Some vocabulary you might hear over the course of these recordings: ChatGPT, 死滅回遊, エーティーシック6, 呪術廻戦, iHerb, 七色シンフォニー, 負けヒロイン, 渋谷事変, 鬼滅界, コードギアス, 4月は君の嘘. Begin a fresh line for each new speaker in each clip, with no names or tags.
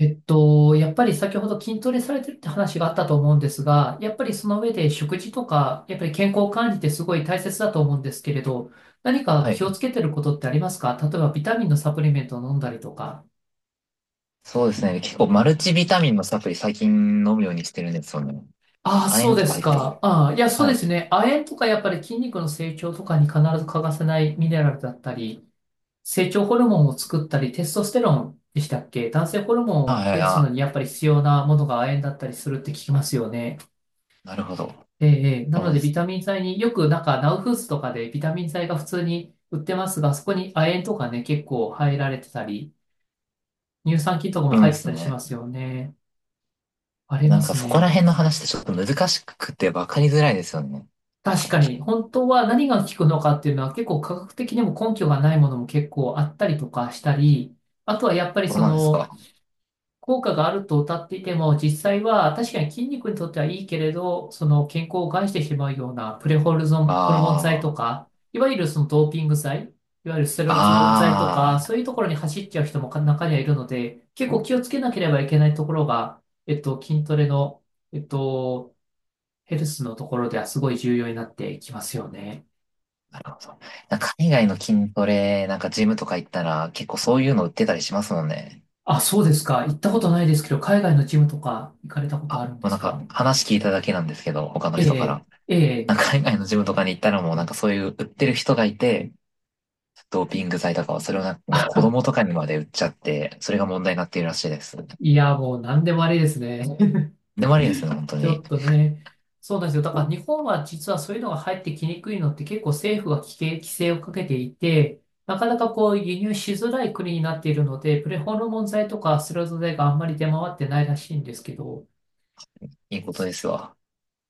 やっぱり先ほど筋トレされてるって話があったと思うんですが、やっぱりその上で食事とか、やっぱり健康管理ってすごい大切だと思うんですけれど、何か
は
気
い。
をつけてることってありますか？例えばビタミンのサプリメントを飲んだりとか。
そうですね。結構マルチビタミンのサプリ最近飲むようにしてるんですよね。
ああ、
亜
そう
鉛と
で
か
す
入って
か。
る。
ああ、いや、そう
は
です
い。
ね。亜鉛とかやっぱり筋肉の成長とかに必ず欠かせないミネラルだったり、成長ホルモンを作ったり、テストステロンでしたっけ？男性ホルモン
は
を
いは
増
い、
やすの
あ、
にやっぱり必要なものが亜鉛だったりするって聞きますよね。
なるほど。
ええ、な
そ
の
う
で
で
ビ
す。
タミン剤によくなんかナウフーズとかでビタミン剤が普通に売ってますが、そこに亜鉛とかね、結構入られてたり、乳酸菌とかも
そう
入
で
って
す
たりしま
ね。
すよね。あり
な
ま
んか
す
そこら
ね。
辺の話ってちょっと難しくて分かりづらいですよね。
確
あ、
かに、本当は何が効くのかっていうのは結構科学的にも根拠がないものも結構あったりとかしたり、あとはやっぱり
そう
そ
なんです
の
か？
効果があると謳っていても、実際は確かに筋肉にとってはいいけれど、その健康を害してしまうようなプレホルゾン、ホルモン剤
あ
とか、いわゆるそのドーピング剤、いわゆるステロイド剤とか、
あ、ああ、
そういうところに走っちゃう人も中にはいるので、結構気をつけなければいけないところが、筋トレの、えっと、ヘルスのところではすごい重要になってきますよね。
なるほど。なんか海外の筋トレ、なんかジムとか行ったら結構そういうの売ってたりしますもんね。
あ、そうですか。行ったことないですけど、海外のジムとか行かれたこ
あ、
と
も
あるんで
う
す
なんか
か？
話聞いただけなんですけど、他の
え
人か
え、
ら。
え
なん
え。
か海外のジムとかに行ったらもうなんかそういう売ってる人がいて、ドーピング剤とかはそれをなんかもう子供とかにまで売っちゃって、それが問題になっているらしいです。
いや、もう何でもありですね。
でもありですね、本当
ちょ
に。
っとね。そうなんですよ。だから日本は実はそういうのが入ってきにくいのって結構政府が規制をかけていて、なかなかこう輸入しづらい国になっているので、プレホルモン剤とかスレゾ剤があんまり出回ってないらしいんですけど、
いいことですわ。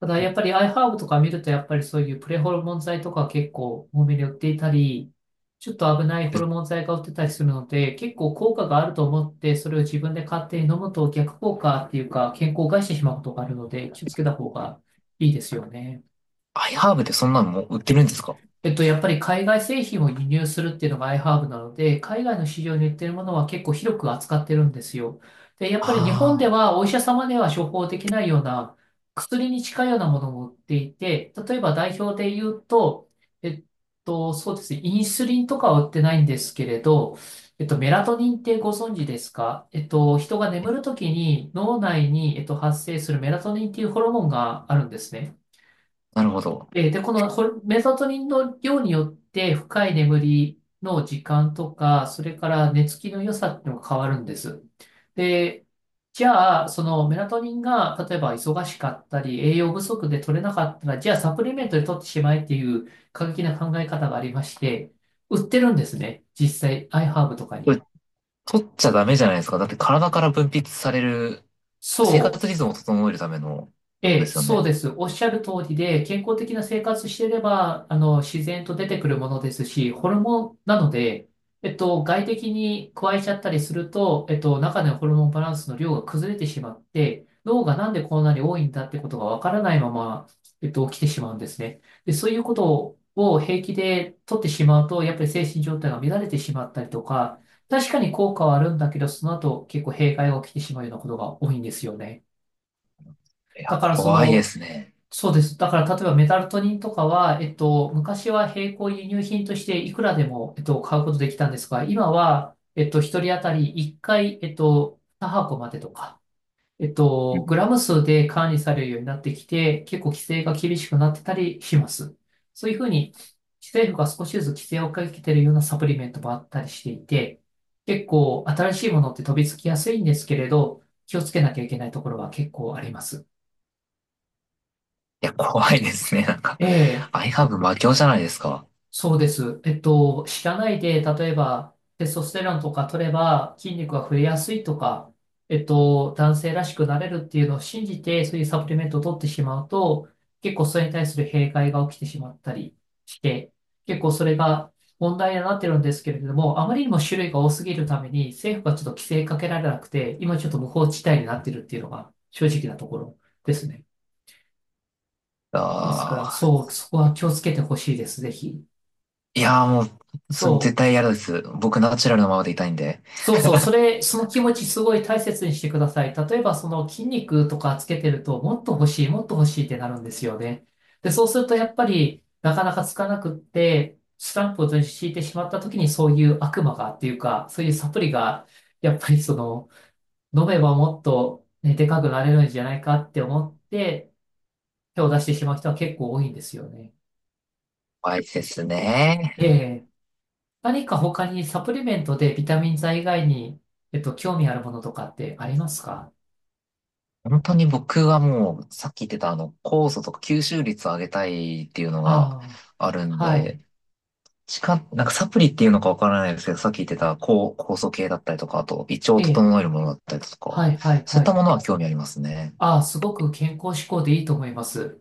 ただやっぱり iHerb とか見るとやっぱりそういうプレホルモン剤とか結構多めに売っていたり、ちょっと危ないホ
う
ルモン剤が売ってたりするので、結構効果があると思ってそれを自分で勝手に飲むと逆効果っていうか健康を害してしまうことがあるので気をつけた方がいいですよね。
アイハーブってそんなのもう売ってるんですか？
やっぱり海外製品を輸入するっていうのが iHerb なので、海外の市場に売ってるものは結構広く扱ってるんですよ。で、やっぱり日本
あ
で
あ
はお医者様では処方できないような薬に近いようなものも売っていて、例えば代表で言うと、えっそうですね、インスリンとかは売ってないんですけれど、メラトニンってご存知ですか？人が眠るときに脳内に、発生するメラトニンっていうホルモンがあるんですね。
ー、なるほど。
で、このホルメラトニンの量によって深い眠りの時間とか、それから寝つきの良さっていうのが変わるんです。で、じゃあ、そのメラトニンが例えば忙しかったり、栄養不足で取れなかったら、じゃあサプリメントで取ってしまえっていう過激な考え方がありまして、売ってるんですね。実際、iHerb とか
こ
に。
れ取っちゃダメじゃないですか。だって体から分泌される生
そ
活
う。
リズムを整えるためのもので
ええ、
すよ
そう
ね。
です。おっしゃる通りで、健康的な生活していれば、自然と出てくるものですし、ホルモンなので、外的に加えちゃったりすると、中でのホルモンバランスの量が崩れてしまって、脳がなんでこんなに多いんだってことがわからないまま、起きてしまうんですね。で、そういうことを平気で取ってしまうと、やっぱり精神状態が乱れてしまったりとか、確かに効果はあるんだけど、その後結構弊害が起きてしまうようなことが多いんですよね。
いや、
だからそ
怖いで
の、
すね。
そうです。だから、例えばメタルトニンとかは、昔は並行輸入品としていくらでも、買うことできたんですが、今は、一人当たり1回、2箱までとか、
う
グ
ん。
ラム数で管理されるようになってきて、結構規制が厳しくなってたりします。そういうふうに、政府が少しずつ規制をかけてるようなサプリメントもあったりしていて、結構新しいものって飛びつきやすいんですけれど、気をつけなきゃいけないところは結構あります。
いや、怖いですね。なんか、
ええ、
アイハーブ魔境じゃないですか。
そうです。知らないで、例えば、テストステロンとか取れば筋肉が増えやすいとか、男性らしくなれるっていうのを信じて、そういうサプリメントを取ってしまうと、結構それに対する弊害が起きてしまったりして、結構それが問題になってるんですけれども、あまりにも種類が多すぎるために、政府がちょっと規制かけられなくて、今ちょっと無法地帯になってるっていうのが正直なところですね。ですから、
ああ。
そう、そこは気をつけてほしいです、ぜひ。
いやーもう、その絶
そ
対
う。
嫌です。僕ナチュラルなままでいたいんで。
そうそう、それ、その気持ちすごい大切にしてください。例えば、その筋肉とかつけてると、もっと欲しい、もっと欲しいってなるんですよね。で、そうすると、やっぱり、なかなかつかなくって、スランプを敷いてしまった時に、そういう悪魔がっていうか、そういうサプリが、やっぱりその、飲めばもっと、ね、でかくなれるんじゃないかって思って、手を出してしまう人は結構多いんですよね。
怖いですね。
ええ、何か他にサプリメントでビタミン剤以外に、興味あるものとかってありますか？
本当に僕はもう、さっき言ってた酵素とか吸収率を上げたいっていうの
あ
があるん
あ、はい。
で、なんかサプリっていうのかわからないですけど、さっき言ってた酵素系だったりとか、あと胃腸を
ええ、
整えるものだったりとか、
はい、はい、
そういっ
は
た
い。
ものは興味ありますね。
ああ、すごく健康志向でいいと思います。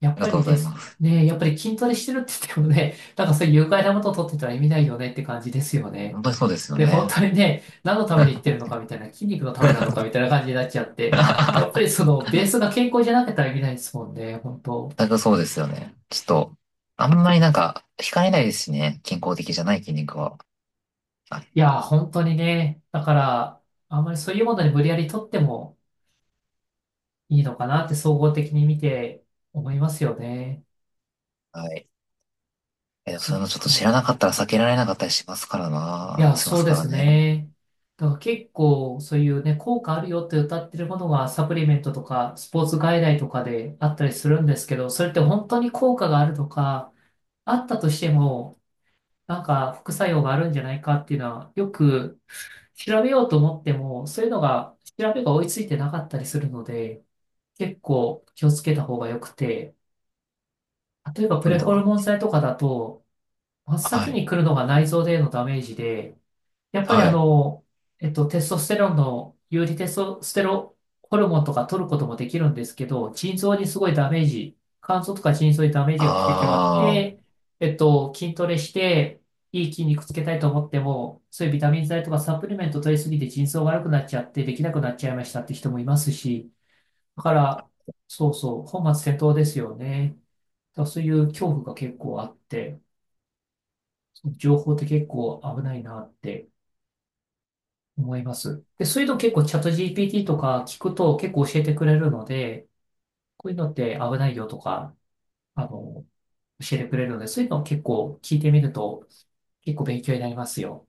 やっ
ありが
ぱ
とう
り
ご
で
ざい
す
ます。
ね。やっぱり筋トレしてるって言ってもね、なんかそういう有害なものを取ってたら意味ないよねって感じですよね。
本当にそうですよ
で、本
ね。
当にね、何のために言ってる のかみたいな、筋肉のためなのかみたいな感じになっちゃって、やっぱりそのベースが健康じゃなけたら意味ないですもんね、本当。
全くそうですよね。ちょっと、あんまりなんか、惹かれないですしね。健康的じゃない筋肉は。あ、
いや、本当にね、だから、あんまりそういうものに無理やり取ってもいいのかなって総合的に見て思いますよね。
はい。え、
そ
そうい
っ
うのちょっと知ら
か。
なかったら避けられなかったりしますから
い
な。
や、
しま
そう
す
で
から
す
ね。
ね。だから結構そういうね、効果あるよって歌ってるものがサプリメントとかスポーツ外来とかであったりするんですけど、それって本当に効果があるとか、あったとしても、副作用があるんじゃないかっていうのは、よく調べようと思っても、そういうのが、調べが追いついてなかったりするので、結構気をつけた方が良くて、例えばプ
そうい
レ
うの
ホル
は。
モン剤とかだと、真っ
は
先
い。
に来るのが内臓でのダメージで、やっぱり
はい。
テストステロンの、有利テストステロホルモンとか取ることもできるんですけど、腎臓にすごいダメージ、肝臓とか腎臓にダメージが
あ
来てしまって、筋トレして、いい筋肉つけたいと思っても、そういうビタミン剤とかサプリメント取りすぎて腎臓悪くなっちゃって、できなくなっちゃいましたって人もいますし、だから、そうそう、本末転倒ですよね。だからそういう恐怖が結構あって、情報って結構危ないなって、思います。で、そういうの結構チャット GPT とか聞くと結構教えてくれるので、こういうのって危ないよとか、あの、教えてくれるので、そういうのを結構聞いてみると結構勉強になりますよ。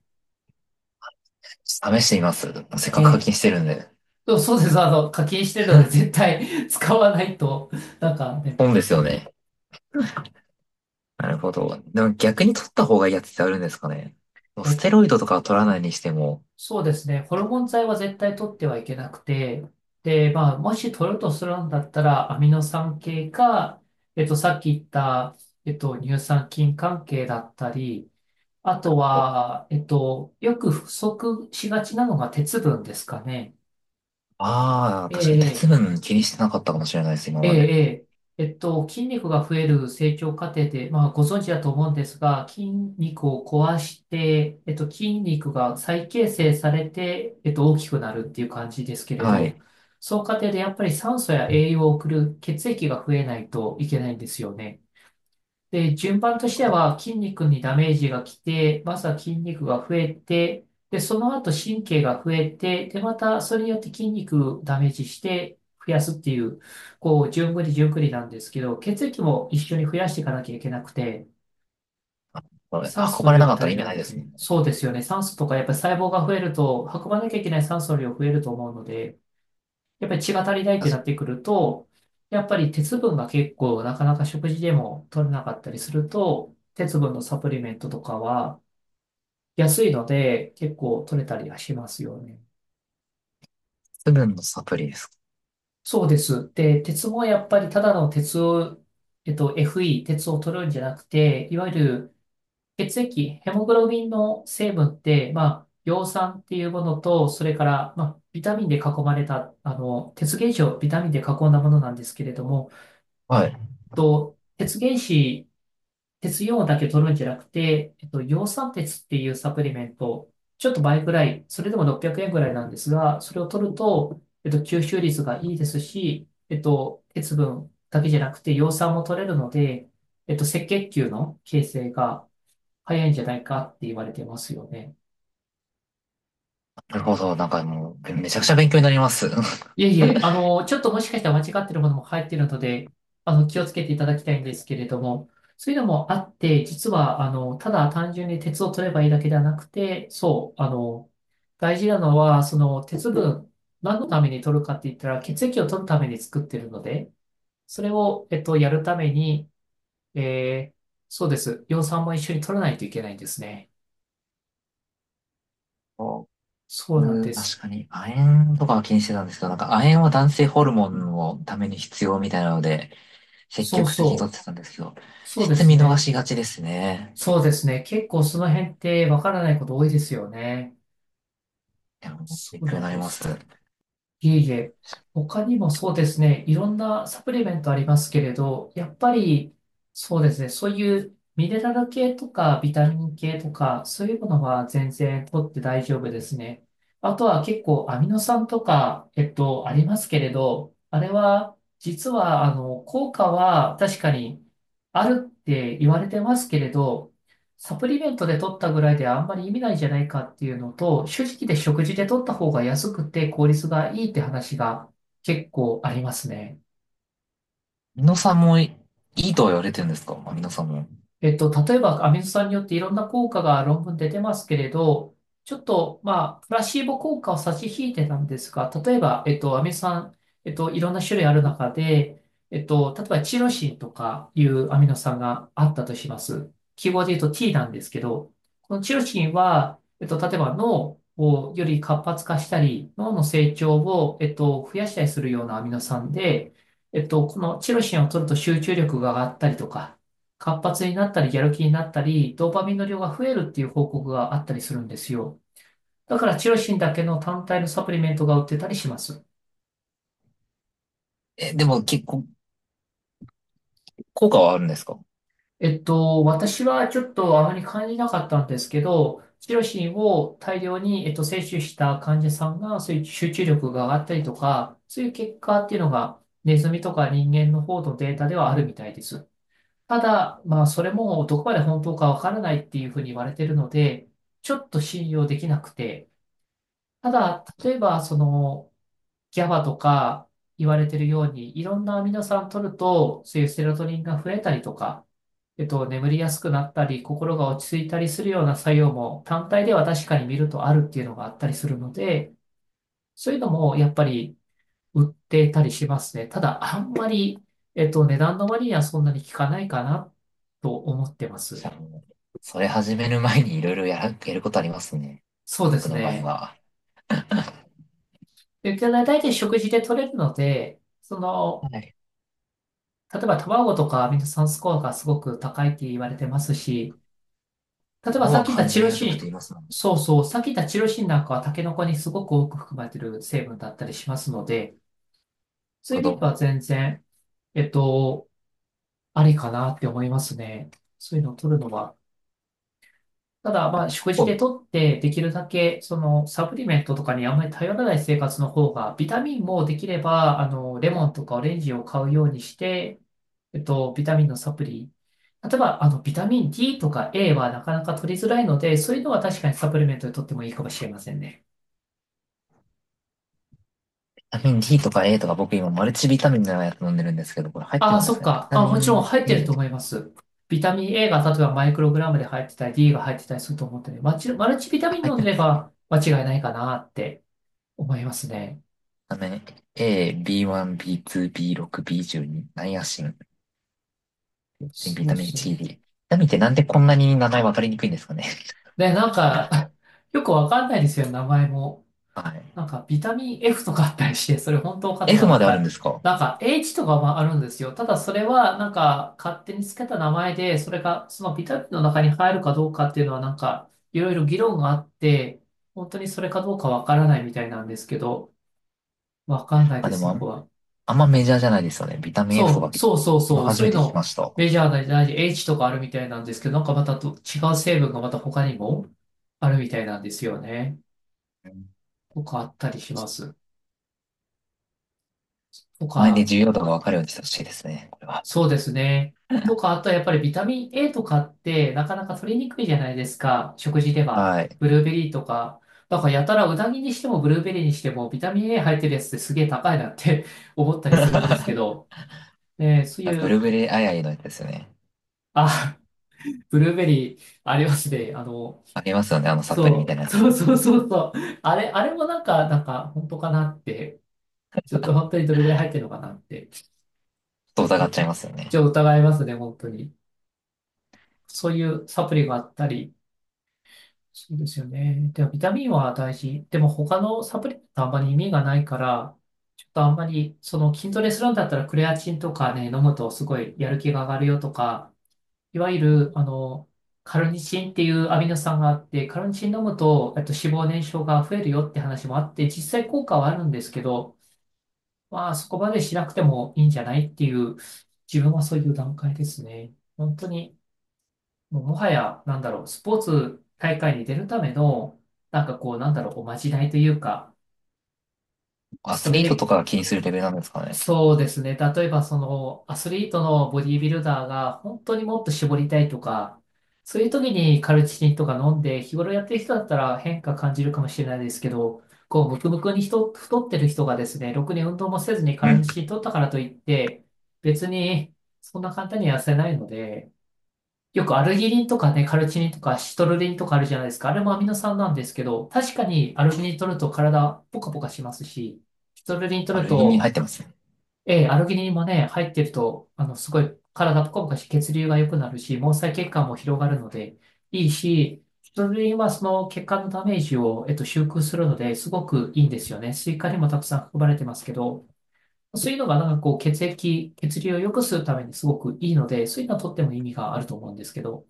あ、試してみます。せっ
え
かく課
え。
金してるんで。
そうそうです。課金してるので絶 対 使わないと、なんかね、
本ですよね。なるほど。でも逆に取った方がいいやつってあるんですかね。もうス
え、
テロイドとかは取らないにしても。
そうですね。ホルモン剤は絶対取ってはいけなくて、で、もし取るとするんだったら、アミノ酸系か、さっき言った、乳酸菌関係だったり、あとは、よく不足しがちなのが鉄分ですかね。
ああ、
え
確かに鉄
え、
分気にしてなかったかもしれないです、今
ええ、
まで。
ええ、筋肉が増える成長過程で、ご存知だと思うんですが、筋肉を壊して、筋肉が再形成されて、大きくなるっていう感じですけれ
はい。なる
ど、その過程でやっぱり酸素や栄養を送る血液が増えないといけないんですよね。で、順番とし
ほ
て
ど。
は筋肉にダメージが来て、まずは筋肉が増えて、で、その後神経が増えて、で、またそれによって筋肉ダメージして増やすっていう、こう、順繰り順繰りなんですけど、血液も一緒に増やしていかなきゃいけなくて、
これ
酸
運
素の
ばれ
量
な
が
かっ
足
たら
り
意
な
味
い
ない
の
です
で、
もんね。
そうですよね。酸素とかやっぱり細胞が増えると、運ばなきゃいけない酸素の量増えると思うので、やっぱり血が足りないって
確
な
か
って
に
くると、やっぱり鉄分が結構なかなか食事でも取れなかったりすると、鉄分のサプリメントとかは安いので結構取れたりはしますよね。
鉄分のサプリです。
そうです。で、鉄もやっぱりただの鉄を、FE、鉄を取るんじゃなくて、いわゆる血液、ヘモグロビンの成分って、葉酸っていうものと、それから、ビタミンで囲まれた、鉄原子をビタミンで囲んだものなんですけれども、
はい。
と、鉄原子、鉄イオンだけ取るんじゃなくて、葉酸鉄っていうサプリメント、ちょっと倍ぐらい、それでも600円ぐらいなんですが、それを取ると、吸収率がいいですし、鉄分だけじゃなくて、葉酸も取れるので、赤血球の形成が早いんじゃないかって言われてますよね。
なるほど。なんかもう、めちゃくちゃ勉強になります。
いえいえ、ちょっともしかしたら間違ってるものも入っているので、気をつけていただきたいんですけれども、そういうのもあって、実は、ただ単純に鉄を取ればいいだけではなくて、そう、大事なのは、その鉄分、何のために取るかって言ったら、血液を取るために作ってるので、それを、やるために、えーそうです。葉酸も一緒に取らないといけないんですね。そうなん
僕、
です。
確かに、亜鉛とかは気にしてたんですけど、なんか亜鉛は男性ホルモンのために必要みたいなので、積
そう
極的に取
そ
っ
う。
てたんですけど、
そうで
鉄
す
見逃
ね。
しがちですね。
そうですね。結構その辺ってわからないこと多いですよね。
でも
そ
勉
う
強
な
に
ん
なり
で
ます。
す。いえいえ。他にもそうですね。いろんなサプリメントありますけれど、やっぱりそうですね。そういうミネラル系とかビタミン系とか、そういうものは全然取って大丈夫ですね。あとは結構アミノ酸とか、ありますけれど、あれは実はあの効果は確かにあるって言われてますけれど、サプリメントで取ったぐらいではあんまり意味ないじゃないかっていうのと、正直で食事で取った方が安くて効率がいいって話が結構ありますね。
ミノさんもいいとは言われてるんですか？まあ、ミノさんも。
例えば、アミノ酸によっていろんな効果が論文で出てますけれど、ちょっと、プラシーボ効果を差し引いてたんですが、例えば、アミノ酸、いろんな種類ある中で、例えば、チロシンとかいうアミノ酸があったとします。記号で言うと T なんですけど、このチロシンは、例えば脳をより活発化したり、脳の成長を、増やしたりするようなアミノ酸で、このチロシンを取ると集中力が上がったりとか、活発になったり、やる気になったり、ドーパミンの量が増えるっていう報告があったりするんですよ。だから、チロシンだけの単体のサプリメントが売ってたりします。
え、でも結構、効果はあるんですか？
私はちょっとあまり感じなかったんですけど、チロシンを大量に、摂取した患者さんが、そういう集中力が上がったりとか、そういう結果っていうのが、ネズミとか人間の方のデータではあるみたいです。ただ、それもどこまで本当かわからないっていうふうに言われているので、ちょっと信用できなくて、ただ、例えば、その、ギャバとか言われてるように、いろんなアミノ酸取ると、そういうセロトニンが増えたりとか、眠りやすくなったり、心が落ち着いたりするような作用も単体では確かに見るとあるっていうのがあったりするので、そういうのもやっぱり売っていたりしますね。ただ、あんまり、値段の割にはそんなに効かないかなと思ってま
じ
す。
ゃあもう、それ始める前にいろいろやることありますね。
そうで
僕
す
の場合
ね。
は。
で、大体食事で取れるので、その、
はい。
例えば卵とかミノ酸スコアがすごく高いって言われてますし、例えば
僕
さっ
は
き言った
完
チ
全
ロ
養殖っ
シ
て言
ン、
いますもん。なる
そうそう、さっき言ったチロシンなんかはタケノコにすごく多く含まれている成分だったりしますので、そう
ほ
いう意味で
ど。
は全然、えっと、ありかなって思いますね。そういうのを取るのは。ただ、食事でとって、できるだけ、その、サプリメントとかにあんまり頼らない生活の方が、ビタミンもできれば、レモンとかオレンジを買うようにして、ビタミンのサプリ。例えば、ビタミン D とか A はなかなか取りづらいので、そういうのは確かにサプリメントで取ってもいいかもしれませんね。
タミン D とか A とか僕今マルチビタミンのやつ飲んでるんですけど、これ入って
ああ、
るんで
そ
す
っ
かね？ビ
か。
タ
あ、
ミ
もちろん
ン
入ってると
A、
思います。ビタミン A が例えばマイクログラムで入ってたり、D が入ってたりすると思ってね、マルチビタ
あ、
ミン
入っ
飲ん
て
で
ま
れ
すね。
ば間違いないかなって思いますね。
ビタミン A、B1、B2、B6、B12、ナイアシン、ビ
そう
タミン
そう。
C、D。ビタミンってなんでこんなに名前分かりにくいんですかね？
ねなんか、よくわかんないですよ、名前も。
はい。
ビタミン F とかあったりして、それ本当かと
F
か、
まであるんですか？
H とかもあるんですよ。ただ、それは、勝手につけた名前で、それが、そのビタミンの中に入るかどうかっていうのは、いろいろ議論があって、本当にそれかどうかわからないみたいなんですけど、わかんない
あ、
で
で
す、
も
そこは。
あんまメジャーじゃないですよね。ビタミン F と
そ
か
う、そうそう
今
そう、
初
そう
め
いう
て聞き
の、
ました。
メジャーな大事 H とかあるみたいなんですけど、なんかまたと違う成分がまた他にもあるみたいなんですよね。
うん。
とかあったりします。と
前で
か、
重要度が分かるようにしてほしいですね。これは。
そうですね。とか、あとはやっぱりビタミン A とかってなかなか取りにくいじゃないですか。食事では。
はい。
ブルーベリーとか。だからやたらうなぎにしてもブルーベリーにしてもビタミン A 入ってるやつってすげえ高いなって 思ったり するんですけど。ね、そうい
ブルー
う、
ベリーアイアイのやつですよね。
あ、ブルーベリーありますね。あの、
ありますよね。あのサプリみたい
そ
な
う、
や
そ
つ。
うそうそうそう。あれ、あれもなんか、なんか本当かなって。ちょっと本当にどれぐらい入ってるのかなって。
と
ち
疑
ょ
っ
っ
ち
と、
ゃいますよ
ちょ
ね。
っと疑いますね、本当に。そういうサプリがあったり、そうですよね。でもビタミンは大事。でも他のサプリってあんまり意味がないから、ちょっとあんまり、その筋トレするんだったらクレアチンとかね、飲むとすごいやる気が上がるよとか、いわゆる、あの、カルニチンっていうアミノ酸があって、カルニチン飲むと、脂肪燃焼が増えるよって話もあって、実際効果はあるんですけど、まあそこまでしなくてもいいんじゃないっていう、自分はそういう段階ですね。本当にもうもはや、なんだろう、スポーツ大会に出るための、なんかこう、なんだろう、おまじないというか、
ア
そ
ス
れ
リートと
で、
かが気にするレベルなんですかね。
そうですね、例えばその、アスリートのボディービルダーが、本当にもっと絞りたいとか、そういう時にカルチキンとか飲んで、日頃やってる人だったら変化感じるかもしれないですけど、こう、ムクムクに人、太ってる人がですね、ろくに運動もせずにカ
う
ル
ん。
チキン取ったからといって、別に、そんな簡単には痩せないので、よくアルギニンとかね、カルチニンとかシトルリンとかあるじゃないですか。あれもアミノ酸なんですけど、確かにアルギニン取ると体ポカポカしますし、シトルリン取る
悪気に入
と、
ってますね。
ええ、アルギニンもね、入ってると、あの、すごい体ポカポカし、血流が良くなるし、毛細血管も広がるので、いいし、シトルリンはその血管のダメージを、修復するので、すごくいいんですよね。スイカにもたくさん含まれてますけど、そういうのがなんかこう、血液、血流を良くするためにすごくいいので、そういうのはとっても意味があると思うんですけど、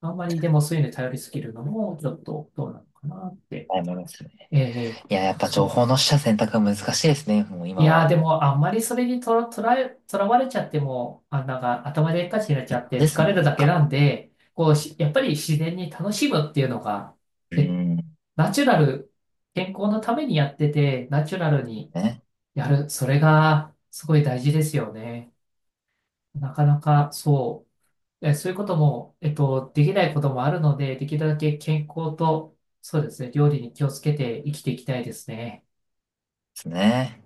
あんまりでもそういうのに頼りすぎるのも、ちょっとどうなのかなって。
はい、ますね。
ええ、
いや、やっぱ
そ
情
うで
報
す。
の取捨選択は難しいですね。もう
い
今
やー、
は。
でも、あんまりそれにとらわれちゃっても、あ、なんか頭でっかちになっち
は
ゃ
い、
っ
そう
て
です
疲
よ
れ
ね、
る
なん
だけ
か。
なんで、こうし、やっぱり自然に楽しむっていうのが、
う
え、
ん。ね。
ナチュラル、健康のためにやってて、ナチュラルに
で
やる、それがすごい大事ですよね。なかなかそう。そういうことも、できないこともあるので、できるだけ健康と、そうですね、料理に気をつけて生きていきたいですね。
すね。